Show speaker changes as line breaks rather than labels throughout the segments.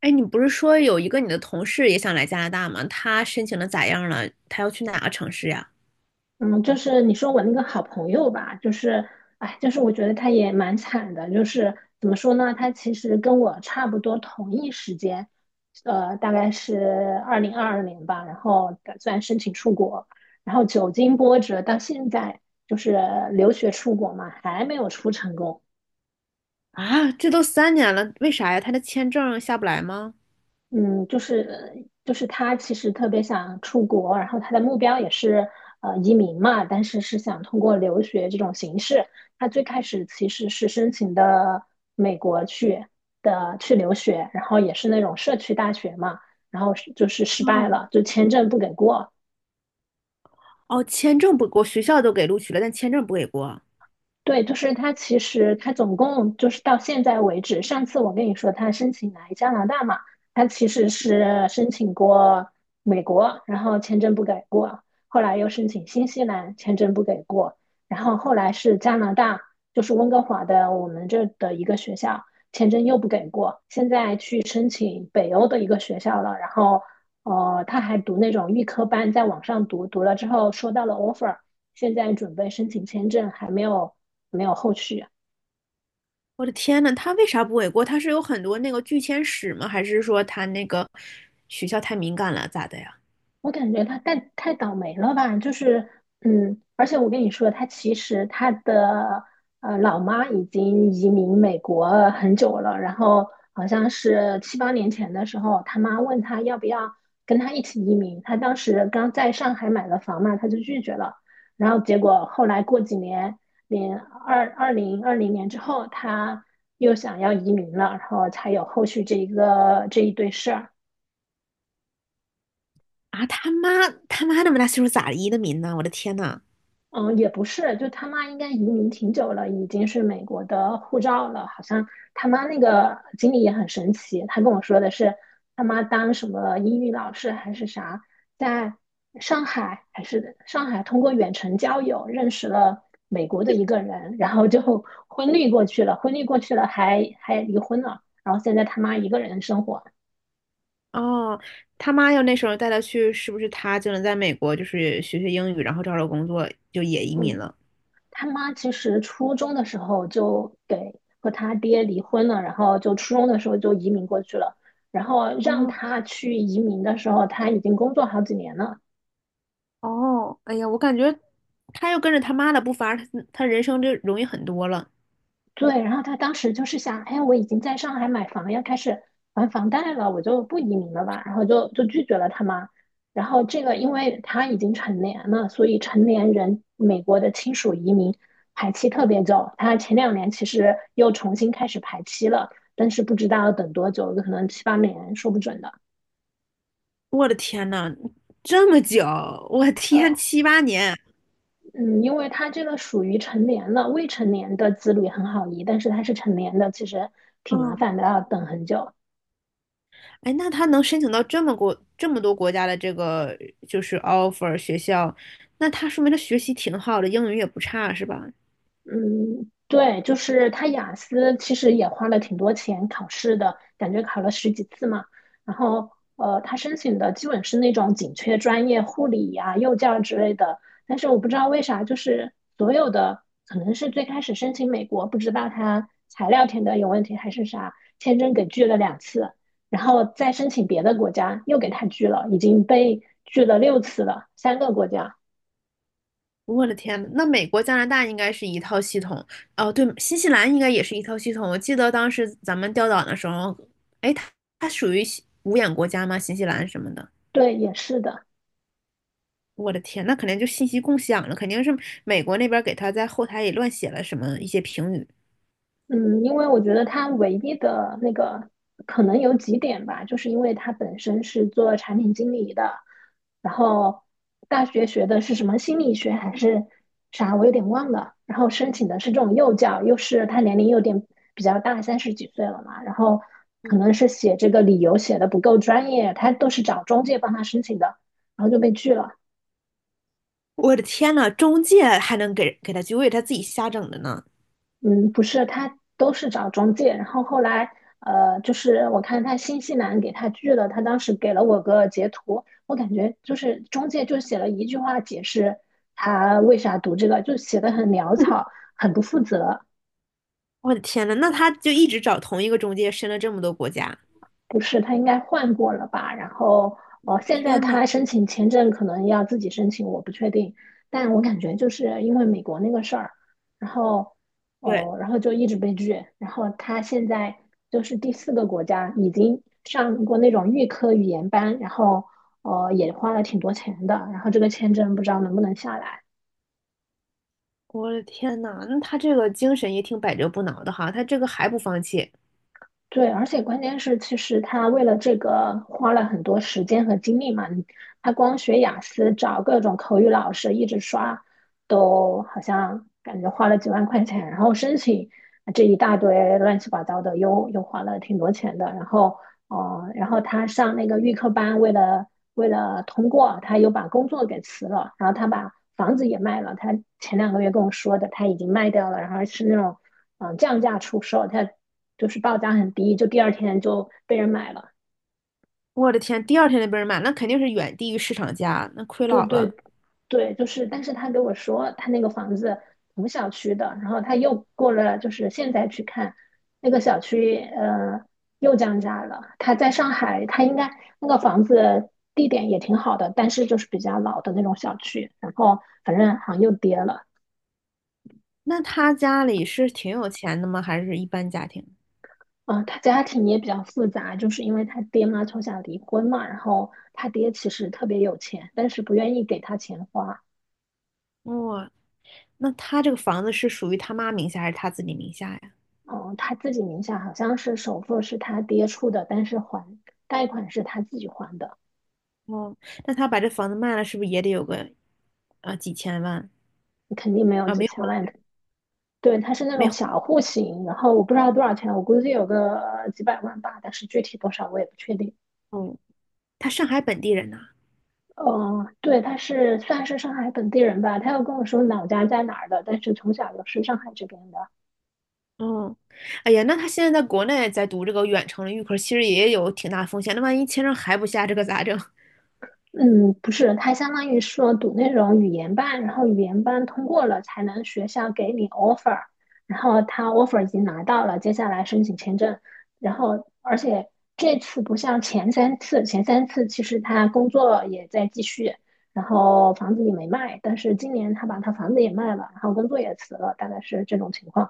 哎，你不是说有一个你的同事也想来加拿大吗？他申请的咋样了？他要去哪个城市呀？
嗯，就是你说我那个好朋友吧，就是我觉得他也蛮惨的，就是怎么说呢，他其实跟我差不多同一时间，大概是2022年吧，然后打算申请出国，然后久经波折，到现在就是留学出国嘛，还没有出成功。
啊，这都3年了，为啥呀？他的签证下不来吗？
嗯，就是他其实特别想出国，然后他的目标也是移民嘛，但是是想通过留学这种形式。他最开始其实是申请的美国去的去留学，然后也是那种社区大学嘛，然后失败
哦，
了，就签证不给过。
哦，签证不过，学校都给录取了，但签证不给过。
对，就是他其实他总共就是到现在为止，上次我跟你说他申请来加拿大嘛，他其实是申请过美国，然后签证不给过，后来又申请新西兰，签证不给过，然后后来是加拿大，就是温哥华的我们这的一个学校，签证又不给过，现在去申请北欧的一个学校了，然后他还读那种预科班，在网上读，读了之后收到了 offer。现在准备申请签证，还没有没有后续啊。
我的天呐，他为啥不给过？他是有很多那个拒签史吗？还是说他那个学校太敏感了，咋的呀？
我感觉他太倒霉了吧，就是，嗯，而且我跟你说，他其实他的老妈已经移民美国很久了，然后好像是七八年前的时候，他妈问他要不要跟他一起移民，他当时刚在上海买了房嘛，他就拒绝了，然后结果后来过几年，2020年之后，他又想要移民了，然后才有后续这一堆事儿。
啊，他妈那么大岁数咋移的民呢？我的天呐！
嗯，也不是，就他妈应该移民挺久了，已经是美国的护照了。好像他妈那个经历也很神奇，他跟我说的是他妈当什么英语老师还是啥，在上海通过远程交友认识了美国的一个人，然后就 婚绿过去了，婚绿过去了还离婚了，然后现在他妈一个人生活。
哦，他妈要那时候带他去，是不是他就能在美国就是学学英语，然后找找工作，就也移民
嗯。
了？
他妈其实初中的时候就给和他爹离婚了，然后就初中的时候就移民过去了，然后让
哦
他去移民的时候，他已经工作好几年了。
哦，哎呀，我感觉他要跟着他妈的步伐，他人生就容易很多了。
对，然后他当时就是想，哎呀我已经在上海买房，要开始还房贷了，我就不移民了吧，然后就拒绝了他妈。然后这个，因为他已经成年了，所以成年人美国的亲属移民排期特别久。他前两年其实又重新开始排期了，但是不知道要等多久，可能七八年，说不准的。
我的天呐，这么久，我的天，
呃，
7、8年，
嗯，因为他这个属于成年了，未成年的子女很好移，但是他是成年的，其实挺麻
嗯，
烦的，要等很久。
哎，那他能申请到这么国这么多国家的这个就是 offer 学校，那他说明他学习挺好的，英语也不差，是吧？
嗯，对，就是他雅思其实也花了挺多钱考试的，感觉考了10几次嘛。然后他申请的基本是那种紧缺专业，护理呀、幼教之类的。但是我不知道为啥，就是所有的可能是最开始申请美国，不知道他材料填的有问题还是啥，签证给拒了2次，然后再申请别的国家又给他拒了，已经被拒了6次了，3个国家。
我的天呐，那美国、加拿大应该是一套系统，哦，对，新西兰应该也是一套系统。我记得当时咱们调档的时候，哎，它属于无五眼国家吗？新西兰什么的？
对，也是的。
我的天，那肯定就信息共享了，肯定是美国那边给他在后台里乱写了什么一些评语。
嗯，因为我觉得他唯一的那个可能有几点吧，就是因为他本身是做产品经理的，然后大学学的是什么心理学还是啥，我有点忘了。然后申请的是这种幼教，又是他年龄有点比较大，30几岁了嘛，然后可能是写这个理由写的不够专业，他都是找中介帮他申请的，然后就被拒了。
我的天呐，中介还能给他机会，就为他自己瞎整的呢
嗯，不是，他都是找中介，然后后来，就是我看他新西兰给他拒了，他当时给了我个截图，我感觉就是中介就写了一句话解释他为啥读这个，就写的很潦草，很不负责。
我的天呐，那他就一直找同一个中介，申了这么多国家。
不是，他应该换过了吧？然后，现在
天呐，
他申请签证可能要自己申请，我不确定。但我感觉就是因为美国那个事儿，然后，
对，
哦、然后就一直被拒。然后他现在就是第4个国家，已经上过那种预科语言班，然后，也花了挺多钱的。然后这个签证不知道能不能下来。
我的天呐，那他这个精神也挺百折不挠的哈，他这个还不放弃。
对，而且关键是，其实他为了这个花了很多时间和精力嘛。他光学雅思，找各种口语老师一直刷，都好像感觉花了几万块钱。然后申请这一大堆乱七八糟的，又花了挺多钱的。然后然后他上那个预科班，为了通过，他又把工作给辞了，然后他把房子也卖了。他前两个月跟我说的，他已经卖掉了，然后是那种降价出售，他就是报价很低，就第2天就被人买了。
我的天，第二天就被人买，那肯定是远低于市场价，那亏
对
老
对
了。
对，就是，但是他给我说，他那个房子同小区的，然后他又过了，就是现在去看那个小区，又降价了。他在上海，他应该那个房子地点也挺好的，但是就是比较老的那种小区，然后反正好像又跌了。
那他家里是挺有钱的吗？还是一般家庭？
他家庭也比较复杂，就是因为他爹妈从小离婚嘛，然后他爹其实特别有钱，但是不愿意给他钱花。
哇、那他这个房子是属于他妈名下还是他自己名下呀？
哦，他自己名下好像是首付是他爹出的，但是还贷款是他自己还的，
哦，那他把这房子卖了，是不是也得有个啊几千万
肯定没有
啊？
几
没有
千
啊？
万的。对，他是那种小户型，然后我不知道多少钱，我估计有个几百万吧，但是具体多少我也不确定。
哦，他上海本地人呐、
嗯、对，他是算是上海本地人吧，他又跟我说老家在哪儿的，但是从小就是上海这边的。
哦，哎呀，那他现在在国内在读这个远程的预科，其实也有挺大风险。那万一签证还不下，这可咋整？
嗯，不是，它相当于说读那种语言班，然后语言班通过了才能学校给你 offer,然后他 offer 已经拿到了，接下来申请签证，然后而且这次不像前三次，前三次其实他工作也在继续，然后房子也没卖，但是今年他把他房子也卖了，然后工作也辞了，大概是这种情况，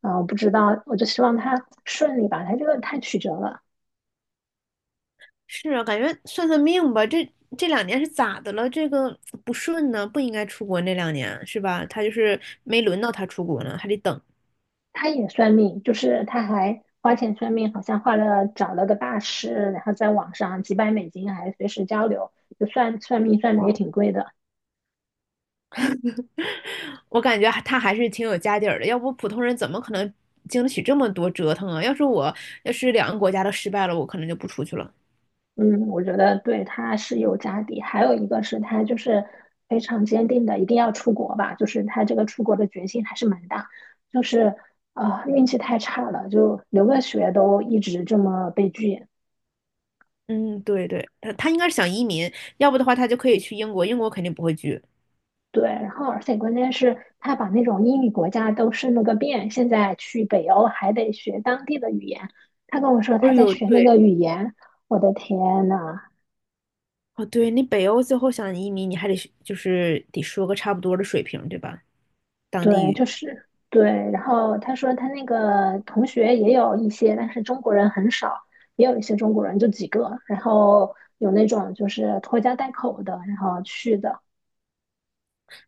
我不知道，我就希望他顺利吧，他这个太曲折了。
是啊，感觉算算命吧，这两年是咋的了？这个不顺呢，不应该出国那2年是吧？他就是没轮到他出国呢，还得等。
他也算命，就是他还花钱算命，好像花了找了个大师，然后在网上几百美金还随时交流，就算算命算的
哇
也挺贵的。
我感觉他还是挺有家底儿的，要不普通人怎么可能经得起这么多折腾啊？要是我，要是2个国家都失败了，我可能就不出去了。
嗯，我觉得对他是有家底，还有一个是他就是非常坚定的一定要出国吧，就是他这个出国的决心还是蛮大，就是运气太差了，就留个学都一直这么被拒。
嗯，对对，他应该是想移民，要不的话他就可以去英国，英国肯定不会拒。
对，然后而且关键是，他把那种英语国家都渗了个遍，现在去北欧还得学当地的语言。他跟我说他
哎
在
呦，
学那
对，
个语言，我的天呐，
哦对，你北欧最后想移民，你还得是就是得说个差不多的水平，对吧？当地
对，就
语。
是对。然后他说他那个同学也有一些，但是中国人很少，也有一些中国人就几个，然后有那种就是拖家带口的，然后去的。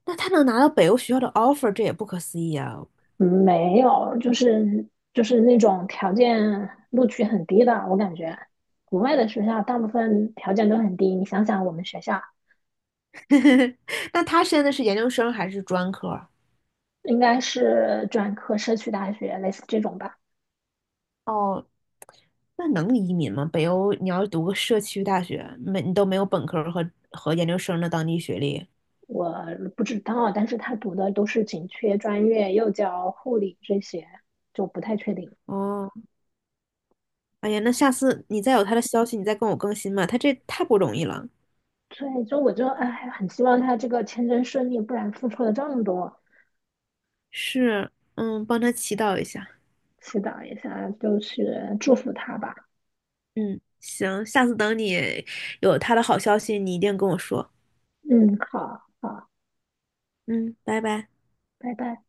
那他能拿到北欧学校的 offer，这也不可思议啊！
嗯没有，就是那种条件录取很低的，我感觉国外的学校大部分条件都很低。你想想，我们学校
那他现在是研究生还是专科啊
应该是专科社区大学，类似这种吧？
哦，那能移民吗？北欧你要读个社区大学，没你都没有本科儿和研究生的当地学历。
我不知道，但是他读的都是紧缺专业，幼教、护理这些，就不太确定。
哦，哎呀，那下次你再有他的消息，你再跟我更新吧。他这太不容易了。
所以就我就哎，很希望他这个签证顺利，不然付出了这么多，
是，嗯，帮他祈祷一下。
祈祷一下，就是祝福他吧。
嗯，行，下次等你有他的好消息，你一定跟我说。
嗯，好好，
嗯，拜拜。
拜拜。